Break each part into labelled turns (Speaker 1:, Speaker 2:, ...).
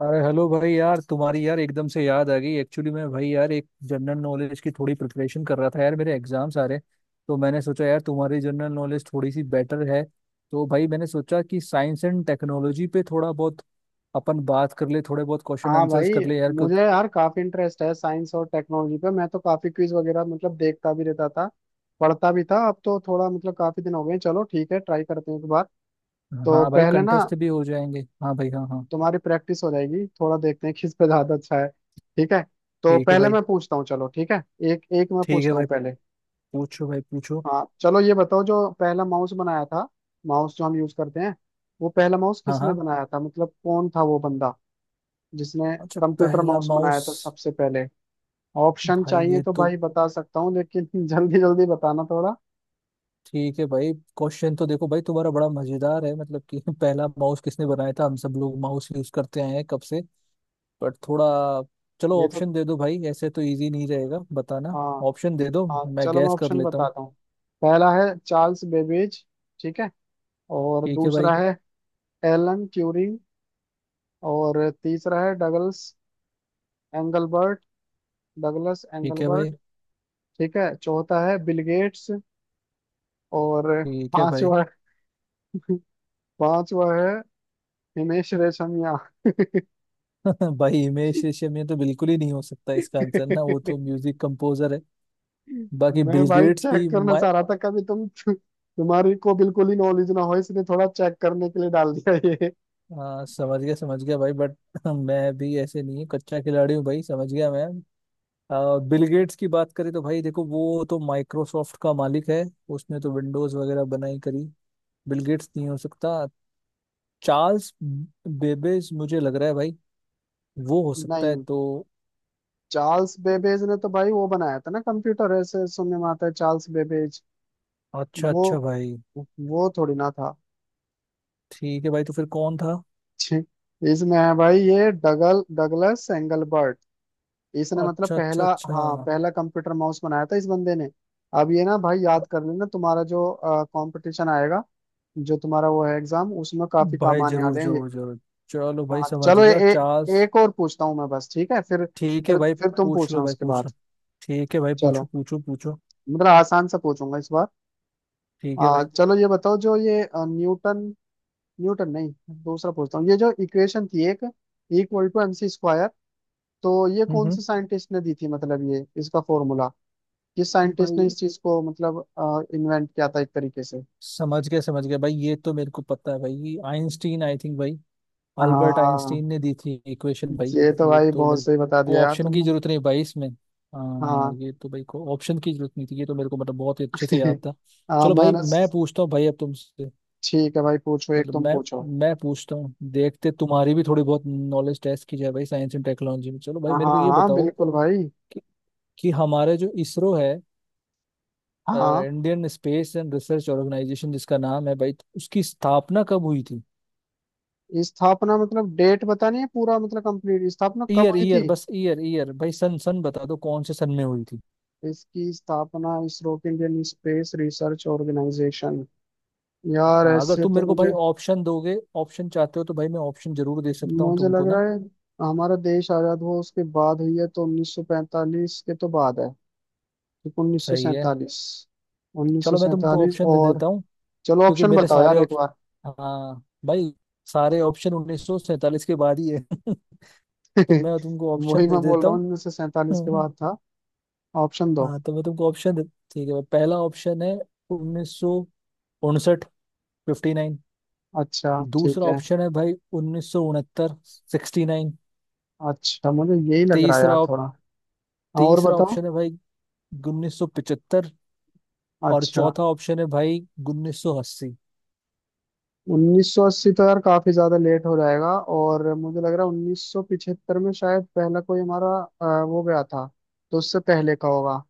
Speaker 1: अरे हेलो भाई यार, तुम्हारी यार एकदम से याद आ गई। एक्चुअली मैं, भाई यार, एक जनरल नॉलेज की थोड़ी प्रिपरेशन कर रहा था यार, मेरे एग्जाम्स आ रहे हैं। तो मैंने सोचा यार तुम्हारी जनरल नॉलेज थोड़ी सी बेटर है, तो भाई मैंने सोचा कि साइंस एंड टेक्नोलॉजी पे थोड़ा बहुत अपन बात कर ले, थोड़े बहुत क्वेश्चन
Speaker 2: हाँ
Speaker 1: आंसर्स
Speaker 2: भाई।
Speaker 1: कर ले यार, क्यों?
Speaker 2: मुझे यार काफी इंटरेस्ट है साइंस और टेक्नोलॉजी पे। मैं तो काफी क्विज वगैरह देखता भी रहता था, पढ़ता भी था। अब तो थोड़ा काफी दिन हो गए। चलो ठीक है, ट्राई करते हैं एक बार। तो
Speaker 1: हाँ भाई,
Speaker 2: पहले ना
Speaker 1: कंटेस्ट भी हो जाएंगे। हाँ भाई, हाँ हाँ।
Speaker 2: तुम्हारी प्रैक्टिस हो जाएगी, थोड़ा देखते हैं किस पे ज्यादा अच्छा है। ठीक है, तो
Speaker 1: ठीक है
Speaker 2: पहले
Speaker 1: भाई।
Speaker 2: मैं पूछता हूँ। चलो ठीक है, एक एक मैं
Speaker 1: ठीक है
Speaker 2: पूछता हूँ
Speaker 1: भाई,
Speaker 2: पहले।
Speaker 1: पूछो भाई पूछो।
Speaker 2: हाँ चलो, ये बताओ जो पहला माउस बनाया था, माउस जो हम यूज करते हैं, वो पहला माउस
Speaker 1: हाँ
Speaker 2: किसने
Speaker 1: हाँ।
Speaker 2: बनाया था? मतलब कौन था वो बंदा जिसने
Speaker 1: अच्छा,
Speaker 2: कंप्यूटर
Speaker 1: पहला
Speaker 2: माउस बनाया
Speaker 1: माउस।
Speaker 2: था सबसे पहले? ऑप्शन
Speaker 1: भाई
Speaker 2: चाहिए
Speaker 1: ये
Speaker 2: तो
Speaker 1: तो,
Speaker 2: भाई बता सकता हूँ, लेकिन जल्दी जल्दी बताना थोड़ा।
Speaker 1: ठीक है भाई, क्वेश्चन तो देखो भाई तुम्हारा बड़ा मजेदार है, मतलब कि पहला माउस किसने बनाया था। हम सब लोग माउस यूज करते आए हैं कब से, बट थोड़ा चलो
Speaker 2: ये तो
Speaker 1: ऑप्शन दे दो भाई, ऐसे तो इजी नहीं रहेगा बताना।
Speaker 2: हाँ
Speaker 1: ऑप्शन दे दो,
Speaker 2: हाँ,
Speaker 1: मैं
Speaker 2: चलो मैं
Speaker 1: गैस कर
Speaker 2: ऑप्शन
Speaker 1: लेता हूँ।
Speaker 2: बताता हूँ। पहला है चार्ल्स बेबेज, ठीक है, और
Speaker 1: ठीक है भाई।
Speaker 2: दूसरा है एलन ट्यूरिंग, और तीसरा है डगलस एंगलबर्ट, डगलस
Speaker 1: ठीक है भाई।
Speaker 2: एंगलबर्ट। ठीक है, चौथा है बिल गेट्स, और
Speaker 1: ठीक है भाई।
Speaker 2: पांचवा, पांचवा है हिमेश रेशमिया।
Speaker 1: भाई हिमेश रेशमिया, ये तो बिल्कुल ही नहीं हो सकता इसका आंसर ना, वो तो म्यूजिक कंपोजर है। बाकी
Speaker 2: मैं
Speaker 1: बिल
Speaker 2: भाई
Speaker 1: गेट्स
Speaker 2: चेक
Speaker 1: भी
Speaker 2: करना
Speaker 1: मैं,
Speaker 2: चाह रहा था, कभी तुम्हारी को बिल्कुल ही नॉलेज ना हो, इसलिए थोड़ा चेक करने के लिए डाल दिया ये।
Speaker 1: हाँ, समझ गया भाई। बट मैं भी ऐसे नहीं हूँ, कच्चा खिलाड़ी हूँ भाई, समझ गया मैं। बिल गेट्स की बात करें तो भाई देखो, वो तो माइक्रोसॉफ्ट का मालिक है, उसने तो विंडोज वगैरह बनाई करी। बिल गेट्स नहीं हो सकता। चार्ल्स बेबेज मुझे लग रहा है भाई, वो हो सकता है
Speaker 2: नहीं, चार्ल्स
Speaker 1: तो
Speaker 2: बेबेज ने तो भाई वो बनाया था ना कंप्यूटर, ऐसे सुनने में आता है, चार्ल्स बेबेज।
Speaker 1: अच्छा
Speaker 2: वो
Speaker 1: अच्छा भाई।
Speaker 2: वो थोड़ी ना था।
Speaker 1: ठीक है भाई, तो फिर कौन था?
Speaker 2: छी, इसमें है भाई ये डगलस एंगलबर्ट। इसने मतलब
Speaker 1: अच्छा अच्छा
Speaker 2: पहला, हाँ
Speaker 1: अच्छा।
Speaker 2: पहला कंप्यूटर माउस बनाया था इस बंदे ने। अब ये ना भाई याद कर लेना, तुम्हारा जो कंपटीशन आएगा, जो तुम्हारा वो है एग्जाम, उसमें काफी काम
Speaker 1: भाई
Speaker 2: आने
Speaker 1: जरूर
Speaker 2: वाले हैं ये।
Speaker 1: जरूर जरूर। चलो भाई
Speaker 2: हाँ
Speaker 1: समझ
Speaker 2: चलो,
Speaker 1: गया, चार्ल्स।
Speaker 2: एक और पूछता हूँ मैं बस, ठीक है?
Speaker 1: ठीक है भाई,
Speaker 2: फिर तुम
Speaker 1: पूछ
Speaker 2: पूछना
Speaker 1: लो भाई
Speaker 2: उसके
Speaker 1: पूछ लो।
Speaker 2: बाद।
Speaker 1: ठीक है भाई, पूछो
Speaker 2: चलो,
Speaker 1: पूछो पूछो।
Speaker 2: मतलब आसान सा पूछूंगा इस बार।
Speaker 1: ठीक है भाई।
Speaker 2: चलो ये बताओ, जो ये न्यूटन, न्यूटन नहीं, दूसरा पूछता हूँ। ये जो इक्वेशन थी, एक इक्वल टू एमसी स्क्वायर, तो ये
Speaker 1: हम्म
Speaker 2: कौन
Speaker 1: हम्म।
Speaker 2: से साइंटिस्ट ने दी थी? मतलब ये इसका फॉर्मूला किस साइंटिस्ट ने
Speaker 1: भाई
Speaker 2: इस चीज को इन्वेंट किया था एक तरीके से?
Speaker 1: समझ गया भाई, ये तो मेरे को पता है भाई, आइंस्टीन आई थिंक भाई। अल्बर्ट
Speaker 2: हाँ,
Speaker 1: आइंस्टीन ने दी थी इक्वेशन भाई।
Speaker 2: ये तो
Speaker 1: ये
Speaker 2: भाई
Speaker 1: तो
Speaker 2: बहुत
Speaker 1: मेरे
Speaker 2: सही बता दिया
Speaker 1: को
Speaker 2: यार
Speaker 1: ऑप्शन की
Speaker 2: तुमने।
Speaker 1: जरूरत नहीं भाई इसमें। हाँ,
Speaker 2: हाँ।
Speaker 1: ये तो भाई को ऑप्शन की जरूरत नहीं थी, ये तो मेरे को मतलब बहुत ही अच्छे से याद था।
Speaker 2: हाँ
Speaker 1: चलो भाई
Speaker 2: मैंने।
Speaker 1: मैं पूछता हूँ भाई अब तुमसे,
Speaker 2: ठीक है भाई, पूछो, एक
Speaker 1: मतलब
Speaker 2: तुम
Speaker 1: मैं,
Speaker 2: पूछो।
Speaker 1: पूछता हूँ देखते, तुम्हारी भी थोड़ी बहुत नॉलेज टेस्ट की जाए भाई साइंस एंड टेक्नोलॉजी में। चलो भाई
Speaker 2: हाँ
Speaker 1: मेरे
Speaker 2: हाँ
Speaker 1: को ये
Speaker 2: हाँ,
Speaker 1: बताओ
Speaker 2: बिल्कुल भाई।
Speaker 1: कि, कि हमारा जो इसरो है,
Speaker 2: हाँ।
Speaker 1: Indian space and research organisation जिसका नाम है भाई, तो उसकी स्थापना कब हुई थी?
Speaker 2: स्थापना मतलब डेट बतानी है पूरा? मतलब कंप्लीट स्थापना कब
Speaker 1: ईयर
Speaker 2: हुई
Speaker 1: ईयर
Speaker 2: थी?
Speaker 1: बस, ईयर ईयर भाई, सन सन बता दो, कौन से सन में हुई थी?
Speaker 2: इसकी स्थापना, इसरो के, इंडियन स्पेस रिसर्च ऑर्गेनाइजेशन, यार
Speaker 1: हाँ, अगर
Speaker 2: ऐसे
Speaker 1: तुम
Speaker 2: तो
Speaker 1: मेरे को भाई
Speaker 2: मुझे,
Speaker 1: ऑप्शन दोगे, ऑप्शन चाहते हो तो भाई मैं ऑप्शन जरूर दे सकता हूँ
Speaker 2: मुझे लग
Speaker 1: तुमको ना।
Speaker 2: रहा है हमारा देश आजाद हुआ उसके बाद हुई है, तो 1945 के तो बाद है। ठीक
Speaker 1: सही है।
Speaker 2: 1947,
Speaker 1: चलो मैं तुमको
Speaker 2: 1947
Speaker 1: ऑप्शन दे
Speaker 2: और,
Speaker 1: देता हूँ,
Speaker 2: चलो
Speaker 1: क्योंकि
Speaker 2: ऑप्शन
Speaker 1: मेरे
Speaker 2: बताओ
Speaker 1: सारे
Speaker 2: यार एक बार।
Speaker 1: ऑप्शन, हाँ भाई, सारे ऑप्शन उन्नीस सौ सैंतालीस के बाद ही है। तो मैं तुमको
Speaker 2: वही
Speaker 1: ऑप्शन दे
Speaker 2: मैं बोल
Speaker 1: देता
Speaker 2: रहा हूँ, 1947 के
Speaker 1: हूँ।
Speaker 2: बाद था। ऑप्शन दो।
Speaker 1: हाँ, तो मैं तुमको ऑप्शन दे, ठीक है भाई, पहला ऑप्शन है उन्नीस सौ उनसठ, फिफ्टी नाइन।
Speaker 2: अच्छा, ठीक
Speaker 1: दूसरा
Speaker 2: है।
Speaker 1: ऑप्शन है भाई उन्नीस सौ उनहत्तर, सिक्सटी नाइन।
Speaker 2: अच्छा, मुझे यही लग रहा है यार,
Speaker 1: तीसरा
Speaker 2: थोड़ा हाँ, और
Speaker 1: तीसरा
Speaker 2: बताओ।
Speaker 1: ऑप्शन है भाई 1975। और
Speaker 2: अच्छा,
Speaker 1: चौथा ऑप्शन है भाई 1980।
Speaker 2: 1980 तो यार काफी ज्यादा लेट हो जाएगा। और मुझे लग रहा है 1975 में शायद पहला कोई हमारा वो गया था, तो उससे पहले का होगा।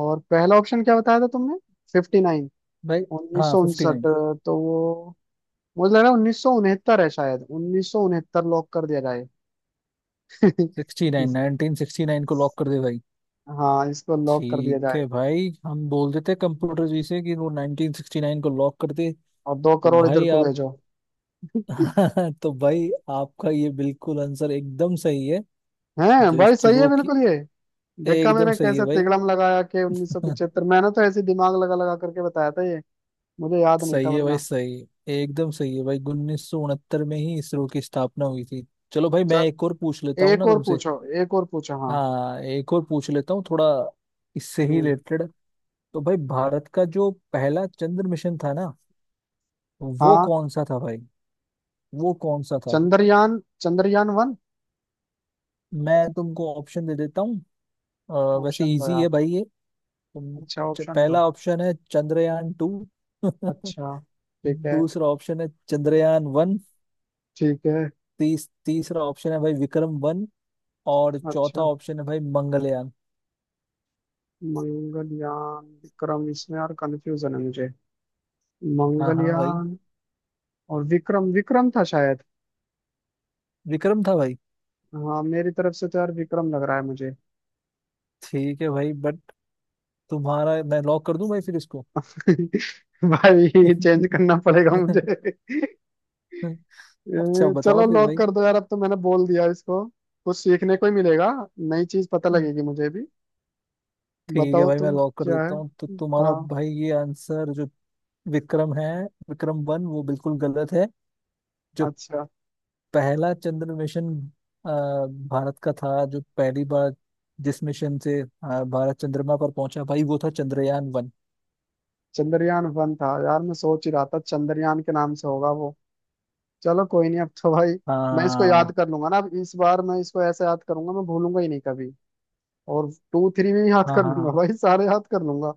Speaker 2: और पहला ऑप्शन क्या बताया था तुमने? 59?
Speaker 1: भाई, हाँ
Speaker 2: 1959,
Speaker 1: 59,
Speaker 2: तो वो, मुझे लग रहा है 1969 है शायद, 1969 लॉक कर दिया जाए। इस-
Speaker 1: 69, 1969 को लॉक कर दे भाई।
Speaker 2: हाँ, इसको लॉक कर दिया
Speaker 1: ठीक
Speaker 2: जाए।
Speaker 1: है भाई, हम बोल देते हैं कंप्यूटर जी से कि वो 1969 को लॉक कर दे।
Speaker 2: और दो
Speaker 1: तो
Speaker 2: करोड़ इधर
Speaker 1: भाई
Speaker 2: को
Speaker 1: आप,
Speaker 2: भेजो।
Speaker 1: तो भाई आपका ये बिल्कुल आंसर एकदम सही है,
Speaker 2: हैं
Speaker 1: जो
Speaker 2: भाई, सही है
Speaker 1: इसरो की,
Speaker 2: बिल्कुल ये? देखा
Speaker 1: एकदम
Speaker 2: मैंने
Speaker 1: सही है
Speaker 2: कैसे
Speaker 1: भाई।
Speaker 2: तिकड़म लगाया, कि 1975, मैंने तो ऐसे दिमाग लगा लगा करके बताया था ये, मुझे याद नहीं था
Speaker 1: सही है भाई,
Speaker 2: वरना।
Speaker 1: सही है, एकदम सही है भाई, उन्नीस सौ उनहत्तर में ही इसरो की स्थापना हुई थी। चलो भाई
Speaker 2: चल,
Speaker 1: मैं एक और पूछ लेता हूँ
Speaker 2: एक
Speaker 1: ना
Speaker 2: और
Speaker 1: तुमसे।
Speaker 2: पूछो, एक और पूछो हाँ।
Speaker 1: हाँ, एक और पूछ लेता हूँ थोड़ा, इससे ही
Speaker 2: हम्म।
Speaker 1: रिलेटेड। तो भाई भारत का जो पहला चंद्र मिशन था ना, वो
Speaker 2: हाँ।
Speaker 1: कौन सा था भाई, वो कौन सा था?
Speaker 2: चंद्रयान, चंद्रयान वन।
Speaker 1: मैं तुमको ऑप्शन दे देता हूँ। अ, वैसे
Speaker 2: ऑप्शन दो
Speaker 1: इजी
Speaker 2: यार।
Speaker 1: है भाई ये, तुम
Speaker 2: अच्छा, ऑप्शन दो।
Speaker 1: पहला ऑप्शन है चंद्रयान टू।
Speaker 2: अच्छा, ठीक है।
Speaker 1: दूसरा ऑप्शन है चंद्रयान वन।
Speaker 2: ठीक है।
Speaker 1: तीसरा ऑप्शन है भाई विक्रम वन। और चौथा
Speaker 2: अच्छा,
Speaker 1: ऑप्शन है भाई मंगलयान।
Speaker 2: मंगलयान, विक्रम, इसमें यार कंफ्यूजन है मुझे,
Speaker 1: हाँ हाँ भाई,
Speaker 2: मंगलयान और विक्रम, विक्रम था शायद।
Speaker 1: विक्रम था भाई।
Speaker 2: हाँ मेरी तरफ से तो यार विक्रम लग रहा है मुझे।
Speaker 1: ठीक है भाई, बट तुम्हारा मैं लॉक कर दूं भाई फिर इसको।
Speaker 2: भाई ये चेंज करना पड़ेगा मुझे।
Speaker 1: अच्छा,
Speaker 2: चलो
Speaker 1: बताओ फिर
Speaker 2: लॉक
Speaker 1: भाई।
Speaker 2: कर दो यार, अब तो मैंने बोल दिया इसको। कुछ सीखने को ही मिलेगा, नई चीज पता लगेगी मुझे भी।
Speaker 1: ठीक है
Speaker 2: बताओ
Speaker 1: भाई, मैं
Speaker 2: तुम
Speaker 1: लॉक कर
Speaker 2: क्या है।
Speaker 1: देता हूँ तो तुम्हारा
Speaker 2: हाँ।
Speaker 1: भाई ये आंसर जो विक्रम है, विक्रम वन, वो बिल्कुल गलत है। जो
Speaker 2: अच्छा,
Speaker 1: पहला चंद्र मिशन, अ, भारत का था, जो पहली बार जिस मिशन से भारत चंद्रमा पर पहुंचा भाई, वो था चंद्रयान वन।
Speaker 2: चंद्रयान वन था यार, मैं सोच ही रहा था चंद्रयान के नाम से होगा वो। चलो कोई नहीं, अब तो भाई मैं इसको
Speaker 1: हाँ
Speaker 2: याद कर लूंगा ना, अब इस बार मैं इसको ऐसे याद करूंगा, मैं भूलूंगा ही नहीं कभी। और टू थ्री भी याद
Speaker 1: हाँ
Speaker 2: कर लूंगा
Speaker 1: हाँ
Speaker 2: भाई, सारे याद कर लूंगा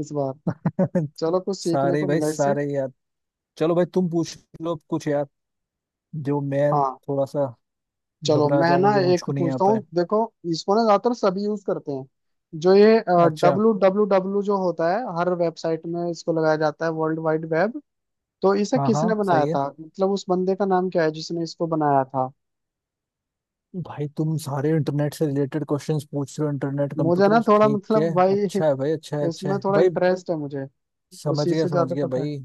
Speaker 2: इस बार।
Speaker 1: हाँ।
Speaker 2: चलो कुछ सीखने
Speaker 1: सारे
Speaker 2: को
Speaker 1: भाई,
Speaker 2: मिला इससे।
Speaker 1: सारे यार। चलो भाई, तुम पूछ लो अब कुछ यार, जो मैं
Speaker 2: हाँ
Speaker 1: थोड़ा सा
Speaker 2: चलो,
Speaker 1: घबरा
Speaker 2: मैं
Speaker 1: जाऊं,
Speaker 2: ना
Speaker 1: जो
Speaker 2: एक
Speaker 1: मुझको नहीं
Speaker 2: पूछता
Speaker 1: आता
Speaker 2: हूँ,
Speaker 1: है।
Speaker 2: देखो, इसको ना ज्यादातर सभी यूज करते हैं, जो ये
Speaker 1: अच्छा,
Speaker 2: डब्लू डब्लू डब्लू जो होता है हर वेबसाइट में, इसको लगाया जाता है, वर्ल्ड वाइड वेब। तो इसे
Speaker 1: हाँ
Speaker 2: किसने
Speaker 1: हाँ
Speaker 2: बनाया
Speaker 1: सही है
Speaker 2: था? मतलब उस बंदे का नाम क्या है जिसने इसको बनाया था?
Speaker 1: भाई, तुम सारे इंटरनेट से रिलेटेड क्वेश्चंस पूछ रहे हो, इंटरनेट
Speaker 2: मुझे
Speaker 1: कंप्यूटर।
Speaker 2: ना थोड़ा
Speaker 1: ठीक है,
Speaker 2: भाई
Speaker 1: अच्छा है भाई, अच्छा है, अच्छा
Speaker 2: इसमें
Speaker 1: है
Speaker 2: थोड़ा
Speaker 1: भाई।
Speaker 2: इंटरेस्ट है मुझे, उसी से
Speaker 1: समझ
Speaker 2: ज्यादा
Speaker 1: गया
Speaker 2: पता है।
Speaker 1: भाई।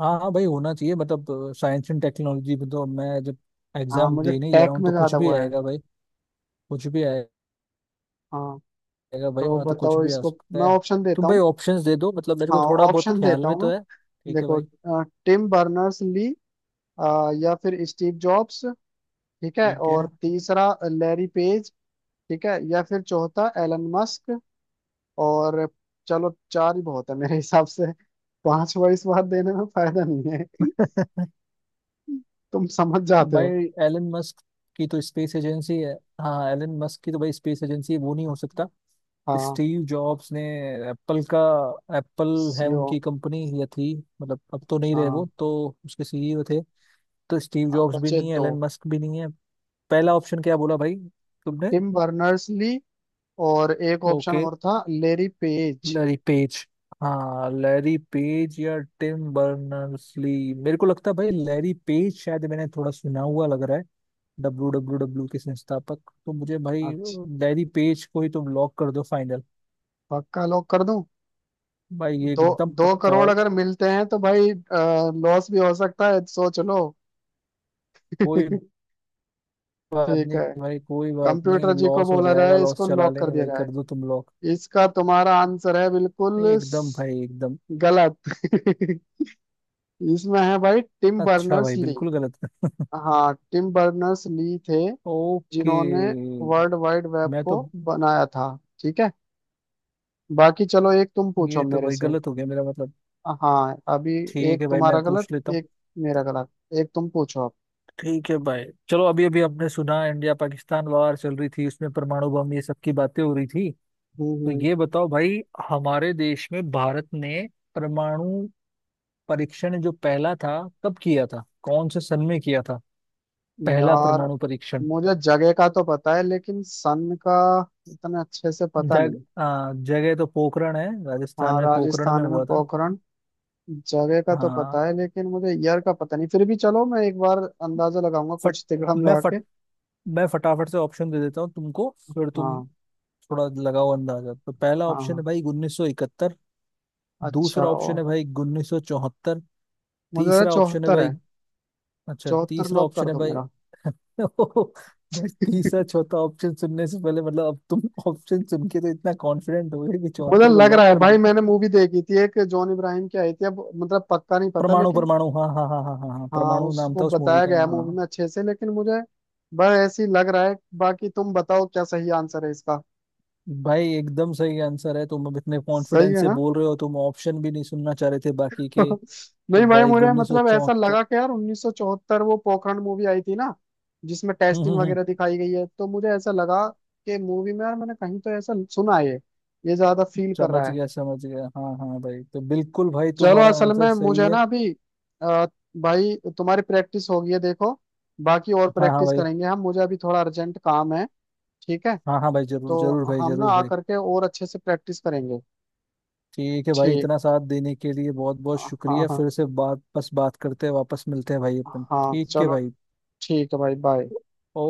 Speaker 1: हाँ हाँ भाई, होना चाहिए मतलब साइंस एंड टेक्नोलॉजी में, तो मैं जब
Speaker 2: हाँ
Speaker 1: एग्जाम
Speaker 2: मुझे
Speaker 1: देने ही जा रहा
Speaker 2: टेक
Speaker 1: हूँ
Speaker 2: में
Speaker 1: तो कुछ
Speaker 2: ज्यादा वो
Speaker 1: भी
Speaker 2: है।
Speaker 1: आएगा भाई, कुछ भी आएगा
Speaker 2: हाँ
Speaker 1: भाई,
Speaker 2: तो
Speaker 1: वहाँ तो कुछ
Speaker 2: बताओ
Speaker 1: भी आ
Speaker 2: इसको,
Speaker 1: सकता
Speaker 2: मैं
Speaker 1: है।
Speaker 2: ऑप्शन
Speaker 1: तुम
Speaker 2: देता
Speaker 1: भाई
Speaker 2: हूँ।
Speaker 1: ऑप्शंस दे दो, मतलब मेरे को
Speaker 2: हाँ,
Speaker 1: थोड़ा बहुत
Speaker 2: ऑप्शन
Speaker 1: ख्याल
Speaker 2: देता
Speaker 1: में
Speaker 2: हूँ मैं,
Speaker 1: तो है। ठीक है
Speaker 2: देखो,
Speaker 1: भाई।
Speaker 2: टिम बर्नर्स ली, या फिर स्टीव जॉब्स, ठीक है,
Speaker 1: ठीक
Speaker 2: और
Speaker 1: है।
Speaker 2: तीसरा लैरी पेज, ठीक है, या फिर चौथा एलन मस्क। और चलो, चार ही बहुत है मेरे हिसाब से, पांचवा इस बार देने में फायदा नहीं है। तुम समझ जाते
Speaker 1: भाई
Speaker 2: हो।
Speaker 1: एलन मस्क की तो स्पेस एजेंसी है। हाँ हाँ, एलन मस्क की तो भाई स्पेस एजेंसी है, वो नहीं हो सकता।
Speaker 2: हाँ।
Speaker 1: स्टीव जॉब्स ने एप्पल का, एप्पल है
Speaker 2: सीओ।
Speaker 1: उनकी कंपनी, या थी, मतलब अब तो नहीं रहे वो
Speaker 2: हाँ,
Speaker 1: तो, उसके सीईओ थे। तो स्टीव
Speaker 2: अब
Speaker 1: जॉब्स भी
Speaker 2: बचे
Speaker 1: नहीं है,
Speaker 2: दो,
Speaker 1: एलन मस्क भी नहीं है। पहला ऑप्शन क्या बोला भाई तुमने?
Speaker 2: टिम बर्नर्स ली, और एक ऑप्शन
Speaker 1: ओके,
Speaker 2: और था लेरी पेज।
Speaker 1: Larry Page. हाँ, लैरी पेज या टिम बर्नर्स ली, मेरे को लगता है भाई लैरी पेज शायद, मैंने थोड़ा सुना हुआ लग रहा है। डब्ल्यू डब्ल्यू डब्ल्यू के संस्थापक तो मुझे भाई,
Speaker 2: अच्छा,
Speaker 1: लैरी पेज को ही तुम लॉक कर दो फाइनल
Speaker 2: पक्का लॉक कर दूं?
Speaker 1: भाई, ये
Speaker 2: दो,
Speaker 1: एकदम
Speaker 2: दो
Speaker 1: पक्का।
Speaker 2: करोड़ अगर मिलते हैं तो भाई लॉस भी हो सकता है, सोच लो।
Speaker 1: कोई
Speaker 2: ठीक
Speaker 1: बात
Speaker 2: है,
Speaker 1: नहीं भाई, कोई बात
Speaker 2: कंप्यूटर
Speaker 1: नहीं,
Speaker 2: जी को
Speaker 1: लॉस हो
Speaker 2: बोला
Speaker 1: जाएगा,
Speaker 2: जाए,
Speaker 1: लॉस
Speaker 2: इसको
Speaker 1: चला
Speaker 2: लॉक कर
Speaker 1: लेंगे
Speaker 2: दिया
Speaker 1: भाई,
Speaker 2: जाए।
Speaker 1: कर दो तुम लॉक।
Speaker 2: इसका तुम्हारा आंसर है बिल्कुल
Speaker 1: एकदम भाई एकदम।
Speaker 2: गलत। इसमें है भाई टिम
Speaker 1: अच्छा
Speaker 2: बर्नर्स
Speaker 1: भाई,
Speaker 2: ली।
Speaker 1: बिल्कुल गलत।
Speaker 2: हाँ टिम बर्नर्स ली थे
Speaker 1: ओके,
Speaker 2: जिन्होंने वर्ल्ड वाइड वेब
Speaker 1: मैं तो,
Speaker 2: को बनाया था। ठीक है, बाकी चलो एक तुम पूछो
Speaker 1: ये तो
Speaker 2: मेरे
Speaker 1: भाई
Speaker 2: से।
Speaker 1: गलत हो गया मेरा मतलब।
Speaker 2: हाँ अभी,
Speaker 1: ठीक
Speaker 2: एक
Speaker 1: है भाई, मैं
Speaker 2: तुम्हारा गलत,
Speaker 1: पूछ लेता हूँ।
Speaker 2: एक मेरा गलत, एक तुम पूछो अब।
Speaker 1: ठीक है भाई, चलो अभी अभी हमने सुना इंडिया पाकिस्तान वार चल रही थी, उसमें परमाणु बम ये सब की बातें हो रही थी।
Speaker 2: हम्म
Speaker 1: तो
Speaker 2: हम्म,
Speaker 1: ये बताओ भाई, हमारे देश में भारत ने परमाणु परीक्षण जो पहला था, कब किया था, कौन से सन में किया था पहला
Speaker 2: यार
Speaker 1: परमाणु परीक्षण?
Speaker 2: मुझे जगह का तो पता है लेकिन सन का इतना अच्छे से पता
Speaker 1: जग
Speaker 2: नहीं।
Speaker 1: जगह तो पोखरण है, राजस्थान
Speaker 2: हाँ,
Speaker 1: में पोखरण में
Speaker 2: राजस्थान में
Speaker 1: हुआ था।
Speaker 2: पोखरण, जगह का तो
Speaker 1: हाँ,
Speaker 2: पता है लेकिन मुझे ईयर का पता नहीं। फिर भी चलो मैं एक बार अंदाजा लगाऊंगा,
Speaker 1: फट
Speaker 2: कुछ तिकड़म
Speaker 1: मैं
Speaker 2: लगा के।
Speaker 1: फट मैं फटाफट से ऑप्शन दे देता हूँ तुमको, फिर तुम
Speaker 2: हाँ
Speaker 1: थोड़ा लगाओ अंदाजा। तो पहला
Speaker 2: हाँ
Speaker 1: ऑप्शन है
Speaker 2: हाँ।
Speaker 1: भाई 1971।
Speaker 2: अच्छा
Speaker 1: दूसरा
Speaker 2: ओ,
Speaker 1: ऑप्शन है भाई 1974।
Speaker 2: मुझे लगा
Speaker 1: तीसरा ऑप्शन है
Speaker 2: चौहत्तर है।
Speaker 1: भाई अच्छा
Speaker 2: चौहत्तर
Speaker 1: तीसरा
Speaker 2: लॉक कर
Speaker 1: ऑप्शन है
Speaker 2: दो
Speaker 1: भाई।
Speaker 2: मेरा।
Speaker 1: भाई तीसरा चौथा ऑप्शन सुनने से पहले, मतलब अब तुम ऑप्शन सुन के तो इतना कॉन्फिडेंट हो गए कि
Speaker 2: मुझे
Speaker 1: चौहत्तर को
Speaker 2: लग रहा
Speaker 1: लॉक
Speaker 2: है
Speaker 1: कर
Speaker 2: भाई,
Speaker 1: दो।
Speaker 2: मैंने मूवी देखी थी एक जॉन इब्राहिम की आई थी, अब मतलब पक्का नहीं पता
Speaker 1: परमाणु
Speaker 2: लेकिन,
Speaker 1: परमाणु, हाँ हाँ हाँ हाँ हाँ हाँ,
Speaker 2: हाँ,
Speaker 1: परमाणु नाम
Speaker 2: उसको
Speaker 1: था उस मूवी
Speaker 2: बताया
Speaker 1: का,
Speaker 2: गया है
Speaker 1: हाँ
Speaker 2: मूवी
Speaker 1: हाँ।
Speaker 2: में अच्छे से। लेकिन मुझे बस ऐसी लग रहा है, बाकी तुम बताओ क्या सही आंसर है इसका।
Speaker 1: भाई एकदम सही आंसर है, तुम अब इतने
Speaker 2: सही
Speaker 1: कॉन्फिडेंस
Speaker 2: है
Speaker 1: से
Speaker 2: ना?
Speaker 1: बोल रहे हो, तुम ऑप्शन भी नहीं सुनना चाह रहे थे बाकी के। तो
Speaker 2: नहीं भाई
Speaker 1: भाई
Speaker 2: मुझे
Speaker 1: उन्नीस सौ
Speaker 2: मतलब ऐसा
Speaker 1: चौहत्तर।
Speaker 2: लगा कि यार 1974 वो पोखरण मूवी आई थी ना, जिसमें
Speaker 1: हम्म
Speaker 2: टेस्टिंग
Speaker 1: हम्म हम्म,
Speaker 2: वगैरह दिखाई गई है, तो मुझे ऐसा लगा कि मूवी में यार मैंने कहीं तो ऐसा सुना है, ये ज्यादा फील कर रहा
Speaker 1: समझ
Speaker 2: है।
Speaker 1: गया समझ गया, हाँ हाँ भाई, तो बिल्कुल भाई
Speaker 2: चलो,
Speaker 1: तुम्हारा
Speaker 2: असल
Speaker 1: आंसर
Speaker 2: में
Speaker 1: सही
Speaker 2: मुझे
Speaker 1: है।
Speaker 2: ना अभी अ, भाई तुम्हारी प्रैक्टिस हो गई है देखो, बाकी और
Speaker 1: हाँ हाँ
Speaker 2: प्रैक्टिस
Speaker 1: भाई।
Speaker 2: करेंगे हम, मुझे अभी थोड़ा अर्जेंट काम है। ठीक है,
Speaker 1: हाँ हाँ भाई, जरूर
Speaker 2: तो
Speaker 1: जरूर भाई
Speaker 2: हम ना
Speaker 1: जरूर
Speaker 2: आ
Speaker 1: भाई।
Speaker 2: करके और अच्छे से प्रैक्टिस करेंगे।
Speaker 1: ठीक है भाई,
Speaker 2: ठीक।
Speaker 1: इतना साथ देने के लिए बहुत बहुत
Speaker 2: हाँ
Speaker 1: शुक्रिया।
Speaker 2: हाँ।
Speaker 1: फिर से बात करते हैं, वापस मिलते हैं भाई अपन।
Speaker 2: हाँ
Speaker 1: ठीक है
Speaker 2: चलो।
Speaker 1: भाई।
Speaker 2: ठीक है भाई, बाय।
Speaker 1: ओ